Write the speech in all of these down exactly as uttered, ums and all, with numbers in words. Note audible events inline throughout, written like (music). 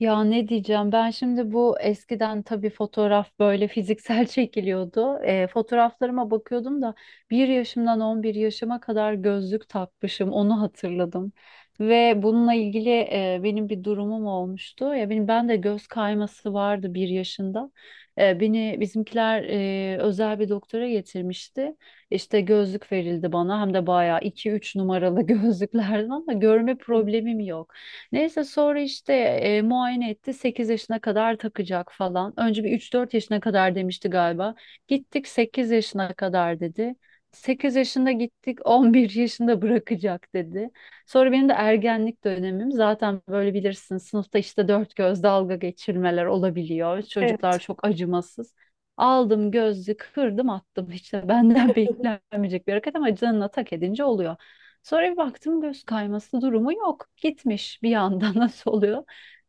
Ya ne diyeceğim ben şimdi bu eskiden tabii fotoğraf böyle fiziksel (laughs) çekiliyordu. E, fotoğraflarıma bakıyordum da bir yaşımdan on bir yaşıma kadar gözlük takmışım onu hatırladım. Ve bununla ilgili e, benim bir durumum olmuştu. Ya benim ben de göz kayması vardı bir yaşında. E, beni bizimkiler e, özel bir doktora getirmişti. İşte gözlük verildi bana hem de bayağı iki üç numaralı (laughs) gözlüklerden ama görme problemim yok. Neyse sonra işte e, muayene etti. Sekiz yaşına kadar takacak falan. Önce bir üç dört yaşına kadar demişti galiba. Gittik sekiz yaşına kadar dedi. Sekiz yaşında gittik, (laughs) on bir yaşında bırakacak dedi. Sonra benim de ergenlik dönemim zaten, böyle bilirsin, sınıfta işte dört göz dalga geçirmeler olabiliyor. Çocuklar Evet. çok acımasız. Aldım gözlüğü kırdım attım, işte benden (laughs) beklenmeyecek bir hareket ama canına tak edince oluyor. Sonra bir baktım göz kayması durumu yok. Gitmiş bir anda. (laughs) Nasıl oluyor?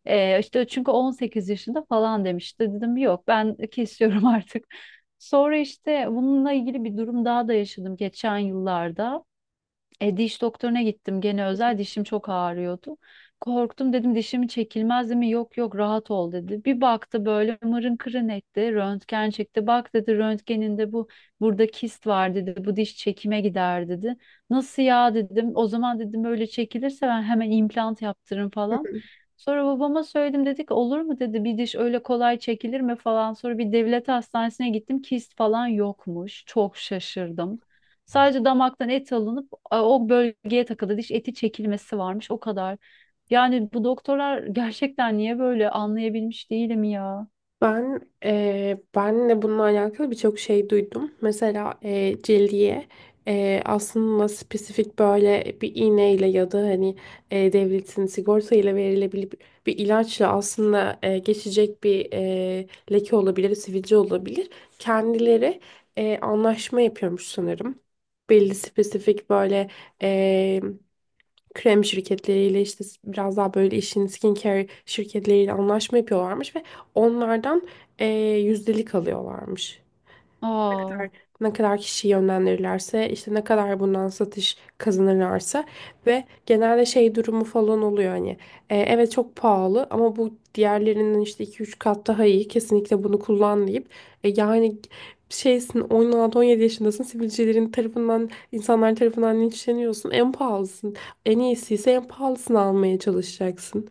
Ee, işte çünkü on sekiz yaşında falan demişti. Dedim yok, ben kesiyorum (laughs) artık. Sonra işte bununla ilgili bir durum daha da yaşadım geçen yıllarda. E, diş doktoruna gittim gene özel, dişim çok ağrıyordu. Korktum, dedim dişimi çekilmez değil mi? Yok yok, rahat ol dedi. Bir baktı, böyle mırın kırın etti. Röntgen çekti. Bak dedi, röntgeninde bu burada kist var dedi. Bu diş çekime gider dedi. Nasıl ya dedim. O zaman dedim öyle çekilirse ben hemen implant yaptırırım falan. (laughs) Sonra babama söyledim, dedik olur mu dedi, bir diş öyle kolay çekilir mi falan. Sonra bir devlet hastanesine gittim, kist falan yokmuş. Çok şaşırdım. Sadece damaktan et alınıp a- o bölgeye takıldı, diş eti çekilmesi varmış, o kadar. Yani bu doktorlar (laughs) gerçekten niye böyle, anlayabilmiş değilim ya. Ben eee ben de bununla alakalı birçok şey duydum. Mesela eee cildiye eee, aslında spesifik böyle bir iğneyle ya da hani, eee, devletin sigorta ile verilebilir bir ilaçla aslında, eee, geçecek bir eee, leke olabilir, sivilce olabilir. Kendileri, eee, anlaşma yapıyormuş sanırım. Belli spesifik böyle eee krem şirketleriyle işte biraz daha böyle işin skincare şirketleriyle anlaşma yapıyorlarmış ve onlardan eee yüzdelik alıyorlarmış Aa. kadar ne kadar kişiyi yönlendirirlerse, işte ne kadar bundan satış kazanırlarsa ve genelde şey durumu falan oluyor. Hani, e, evet çok pahalı ama bu diğerlerinden işte iki üç kat daha iyi, kesinlikle bunu kullan deyip, e, yani şeysin, on altı on yedi yaşındasın, sivilcelerin tarafından, insanlar tarafından linçleniyorsun, en pahalısın en iyisi ise en pahalısını almaya çalışacaksın.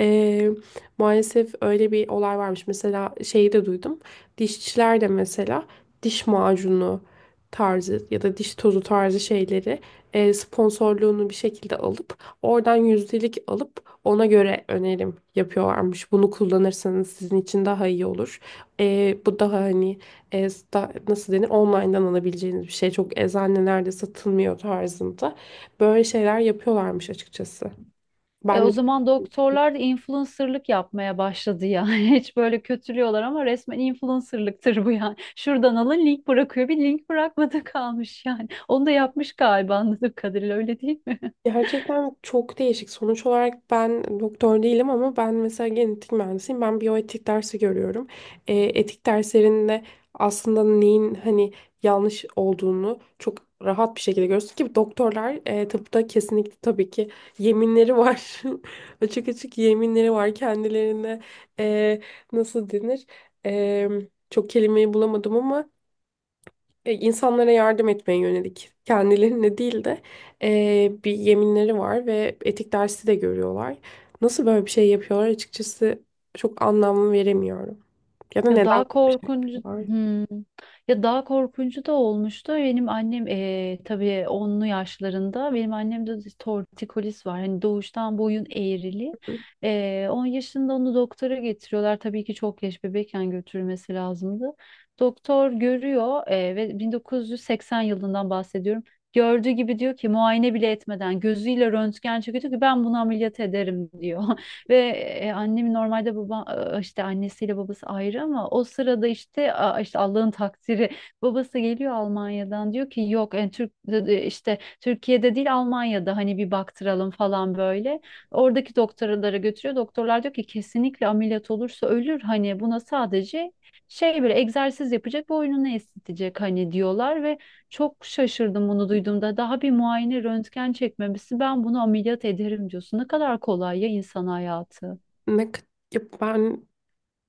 E, Maalesef öyle bir olay varmış. Mesela şeyi de duydum, dişçiler de mesela diş macunu tarzı ya da diş tozu tarzı şeyleri, e, sponsorluğunu bir şekilde alıp oradan yüzdelik alıp ona göre önerim yapıyorlarmış. Bunu kullanırsanız sizin için daha iyi olur. E, bu daha hani, e, sta- nasıl denir, online'dan alabileceğiniz bir şey. Çok eczanelerde satılmıyor tarzında. Böyle şeyler yapıyorlarmış açıkçası. E, Ben O de zaman doktorlar da influencerlık yapmaya başladı ya. (laughs) Hiç böyle kötülüyorlar ama resmen influencerlıktır bu yani. Şuradan alın, link bırakıyor. Bir link bırakmadı (laughs) kalmış yani. Onu da yapmış galiba, anladığım kadarıyla öyle değil mi? Gerçekten çok değişik. Sonuç olarak ben doktor değilim ama ben mesela genetik mühendisiyim. Ben biyoetik dersi görüyorum. E, etik derslerinde aslında neyin hani yanlış olduğunu çok rahat bir şekilde görüyorsun ki doktorlar, e, tıpta kesinlikle tabii ki yeminleri var. (laughs) Açık açık yeminleri var kendilerine. E, Nasıl denir? E, Çok kelimeyi bulamadım ama, e, insanlara yardım etmeye yönelik, kendilerine değil de, e, bir yeminleri var ve etik dersi de görüyorlar. Nasıl böyle bir şey yapıyorlar açıkçası, çok anlam veremiyorum. Ya da Ya neden daha böyle bir şey korkuncu yapıyorlar? Hmm. Ya daha korkuncu da olmuştu. Benim annem eee tabii onlu yaşlarında, benim annemde de tortikolis var. Hani doğuştan boyun eğrili. Eee on yaşında onu doktora getiriyorlar. Tabii ki çok yaş bebekken götürülmesi lazımdı. Doktor görüyor, eee, ve bin dokuz yüz seksen yılından bahsediyorum. Gördüğü gibi diyor ki, muayene bile etmeden gözüyle röntgen çekiyor, diyor ki ben bunu ameliyat ederim diyor. (laughs) Ve e, annem normalde baba e, işte annesiyle babası ayrı ama o sırada işte a, işte Allah'ın takdiri babası geliyor Almanya'dan, diyor ki yok yani Türk e, işte Türkiye'de değil Almanya'da hani bir baktıralım falan böyle. Oradaki doktorlara götürüyor. Doktorlar diyor ki kesinlikle ameliyat olursa ölür, hani buna sadece şey, böyle egzersiz yapacak, boynunu esnetecek hani diyorlar, ve çok şaşırdım bunu duyduğumda. Daha bir muayene röntgen çekmemesi, ben bunu ameliyat ederim diyorsun. Ne kadar kolay ya insan hayatı. Ne, k- ya ben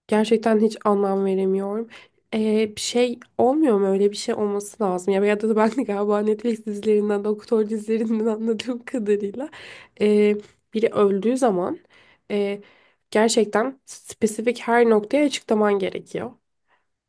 Gerçekten hiç anlam veremiyorum. Ee, bir şey olmuyor mu? Öyle bir şey olması lazım. Ya ya da ben de galiba Netflix dizilerinden, doktor dizilerinden, (laughs) anladığım kadarıyla, ee, biri öldüğü zaman, ee, gerçekten spesifik her noktaya açıklaman gerekiyor.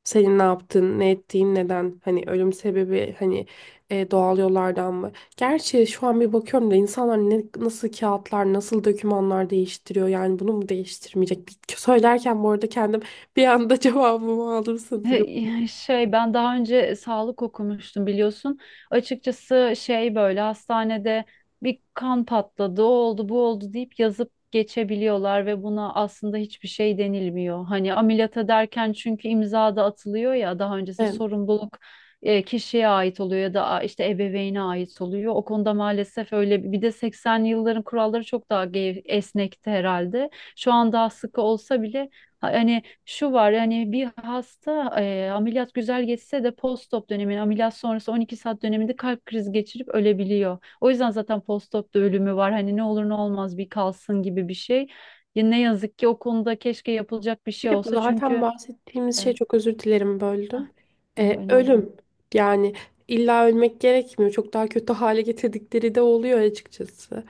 Senin ne yaptın, ne ettiğin, neden? Hani ölüm sebebi, hani, e, doğal yollardan mı? Gerçi şu an bir bakıyorum da, insanlar ne, nasıl kağıtlar, nasıl dokümanlar değiştiriyor. Yani bunu mu değiştirmeyecek? Bir, söylerken bu arada kendim bir anda (laughs) cevabımı aldım sanırım. He- Şey, ben daha önce sağlık okumuştum biliyorsun. Açıkçası şey, böyle hastanede bir kan patladı, o oldu, bu oldu deyip yazıp geçebiliyorlar ve buna aslında hiçbir şey denilmiyor. Hani ameliyat ederken çünkü imza da atılıyor ya, daha öncesi Evet. sorumluluk e, kişiye ait oluyor ya da a- işte ebeveyne ait oluyor. O konuda maalesef öyle bir bir de seksenli yılların kuralları çok daha gev- esnekti herhalde. Şu an daha sıkı olsa bile ha- hani şu var yani, bir hasta e, ameliyat güzel geçse de post-op dönemini, ameliyat sonrası on iki saat döneminde kalp krizi geçirip ölebiliyor. O yüzden zaten post-op da ölümü var. Hani ne olur ne olmaz bir kalsın gibi bir şey. Ya ne yazık ki o konuda keşke yapılacak bir Bir şey de bu olsa zaten çünkü bahsettiğimiz şey, e, çok özür dilerim böldüm. hah, yo, Ee, önemli. Ölüm. Yani illa ölmek gerekmiyor, çok daha kötü hale getirdikleri de oluyor açıkçası.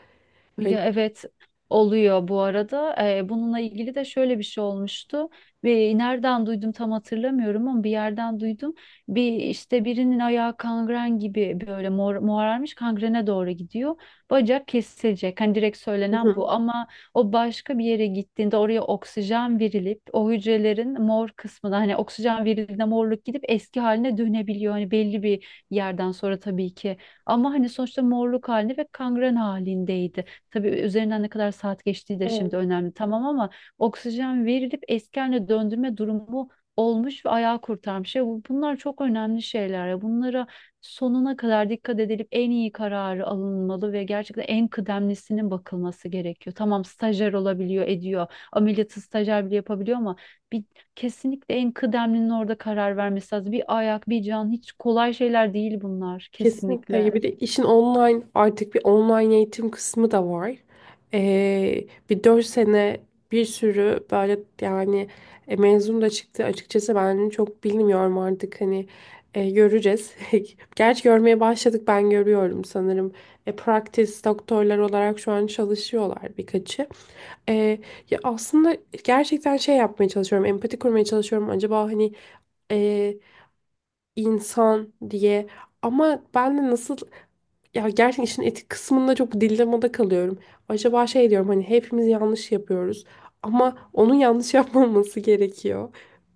Hani. Ya evet, oluyor bu arada. Ee, bununla ilgili de şöyle bir şey olmuştu. Ve nereden duydum tam hatırlamıyorum ama bir yerden duydum. Bir işte, birinin ayağı kangren gibi, böyle mor, morarmış kangrene doğru gidiyor. Bacak kesilecek, hani direkt söylenen Hı bu, ama o başka bir yere gittiğinde oraya oksijen verilip, o hücrelerin mor kısmına hani oksijen verildiğinde morluk gidip eski haline dönebiliyor. Hani belli bir yerden sonra tabii ki. Ama hani sonuçta morluk halinde ve kangren halindeydi. Tabii üzerinden ne kadar saat geçtiği de şimdi hı. önemli, tamam, ama oksijen verilip eski haline döndürme durumu olmuş ve ayağı kurtarmış. Ya bu- bunlar çok önemli şeyler ya. Bunlara sonuna kadar dikkat edilip en iyi kararı alınmalı ve gerçekten en kıdemlisinin bakılması gerekiyor. Tamam, stajyer olabiliyor, ediyor. Ameliyatı stajyer bile yapabiliyor ama bir, kesinlikle en kıdemlinin orada karar vermesi lazım. Bir ayak, bir can hiç kolay şeyler değil bunlar, Kesinlikle. Ya, kesinlikle. bir de işin online, artık bir online eğitim kısmı da var. Ee, bir dört sene bir sürü böyle, yani, e, mezun da çıktı. Açıkçası ben çok bilmiyorum artık, hani, e, göreceğiz. (laughs) Gerçi görmeye başladık, ben görüyorum sanırım. E, practice doktorlar olarak şu an çalışıyorlar birkaçı. Ee, Ya aslında gerçekten şey yapmaya çalışıyorum, empati kurmaya çalışıyorum. Acaba hani, e, insan diye, ama ben de nasıl, ya gerçekten işin etik kısmında çok dilemmada kalıyorum. Acaba şey diyorum hani hepimiz yanlış yapıyoruz ama onun yanlış (laughs) yapmaması gerekiyor.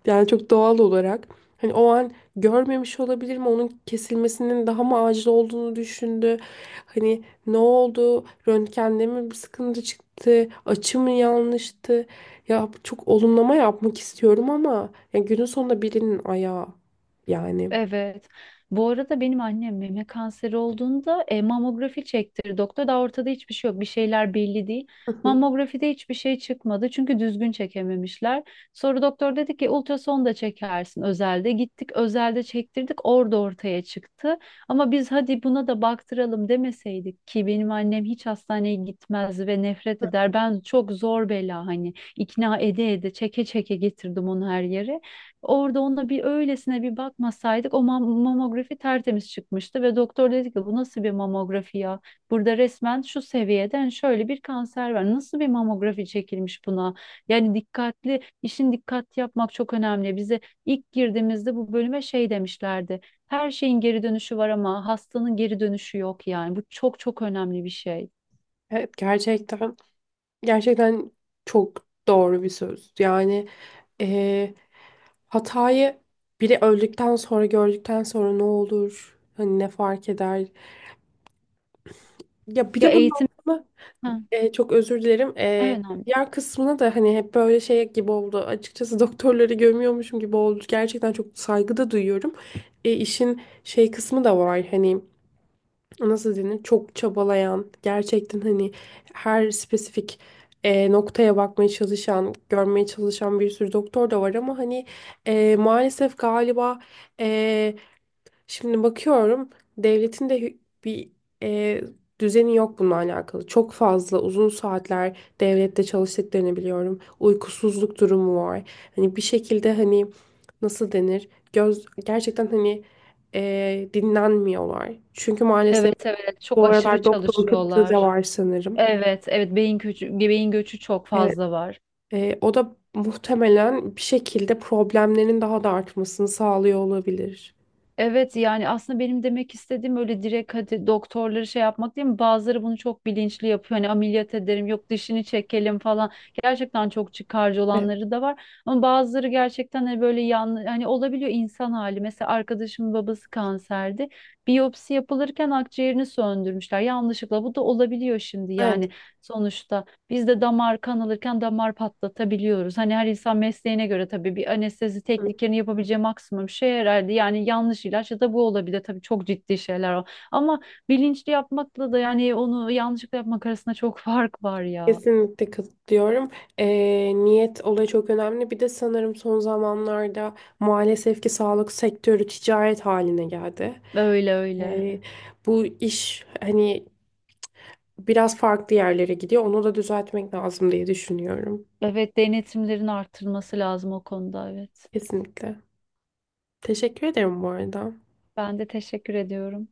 Yani çok doğal olarak. Hani o an görmemiş olabilir mi? Onun kesilmesinin daha mı acil olduğunu düşündü. Hani ne oldu? Röntgende mi bir sıkıntı çıktı? Açı mı yanlıştı? Ya çok olumlama yapmak istiyorum ama ya günün sonunda birinin ayağı, yani. Evet. Bu arada benim annem meme kanseri olduğunda e, mamografi çektirdi doktor. Daha ortada hiçbir şey yok. Bir şeyler belli değil. Hı hı. Mamografide hiçbir şey çıkmadı, çünkü düzgün çekememişler. Sonra doktor dedi ki, ultrason da çekersin özelde. Gittik özelde çektirdik. Orada ortaya çıktı. Ama biz hadi buna da baktıralım demeseydik, ki benim annem hiç hastaneye gitmez ve nefret eder. Ben çok zor bela hani, ikna ede ede, çeke çeke getirdim onu her yere. Orada ona bir öylesine bir bakmasaydık o mam- mamografi tertemiz çıkmıştı ve doktor dedi ki bu nasıl bir mamografi ya? Burada resmen şu seviyeden şöyle bir kanser var. Nasıl bir mamografi çekilmiş buna? Yani dikkatli, işin dikkat yapmak çok önemli. Bize ilk girdiğimizde bu bölüme şey demişlerdi. Her şeyin geri dönüşü var ama hastanın geri dönüşü yok yani. Bu çok çok önemli bir şey. Evet gerçekten. Gerçekten çok doğru bir söz. Yani, eee, hatayı biri öldükten sonra, gördükten sonra ne olur? Hani ne fark eder? Ya bir Ya de bunun eğitim, aslında, ha, eee, çok özür dilerim. Eee önemli. Diğer kısmına da hani hep böyle şey gibi oldu. Açıkçası (laughs) doktorları gömüyormuşum gibi oldu. Gerçekten çok saygı da duyuyorum. E, işin şey kısmı da var. Hani nasıl denir, çok çabalayan, gerçekten hani her spesifik, e, noktaya bakmaya çalışan, görmeye çalışan bir sürü doktor da var ama hani, e, maalesef galiba, e, şimdi bakıyorum devletin de hü- bir, e, düzeni yok bununla alakalı. Çok fazla uzun saatler devlette çalıştıklarını biliyorum, uykusuzluk durumu var, hani bir şekilde hani nasıl denir, göz gerçekten hani, e, dinlenmiyorlar çünkü maalesef Evet evet, çok bu aşırı aralar doktor kıtlığı da çalışıyorlar. var sanırım. Evet, evet, beyin göçü, beyin göçü çok Evet, fazla var. e, o da muhtemelen bir şekilde problemlerin daha da artmasını sağlıyor olabilir. Evet, yani aslında benim demek istediğim öyle direkt hadi doktorları şey yapmak değil mi? Bazıları bunu çok bilinçli yapıyor. Hani ameliyat ederim, yok dişini çekelim falan. Gerçekten çok çıkarcı Evet, olanları da var. Ama bazıları gerçekten hani böyle yan, hani olabiliyor, insan hali. Mesela arkadaşımın babası kanserdi. Biyopsi yapılırken akciğerini söndürmüşler yanlışlıkla. Bu da olabiliyor şimdi yani, evet. sonuçta. Biz de damar kan alırken damar patlatabiliyoruz. Hani her insan mesleğine göre tabii bir anestezi tekniklerini yapabileceği maksimum şey herhalde. Yani yanlış ilaç ya da bu olabilir. Tabii çok ciddi şeyler o. Ama bilinçli yapmakla da, yani onu yanlışlıkla yapmak arasında çok (laughs) fark var ya. Kesinlikle katılıyorum. E, Niyet olayı çok önemli. Bir de sanırım son zamanlarda maalesef ki sağlık sektörü ticaret haline geldi. Öyle öyle. E, Bu iş hani biraz farklı yerlere gidiyor. Onu da düzeltmek lazım diye düşünüyorum. Evet, denetimlerin artırılması lazım o konuda, evet. Kesinlikle. Teşekkür ederim bu arada. Ben de teşekkür ediyorum.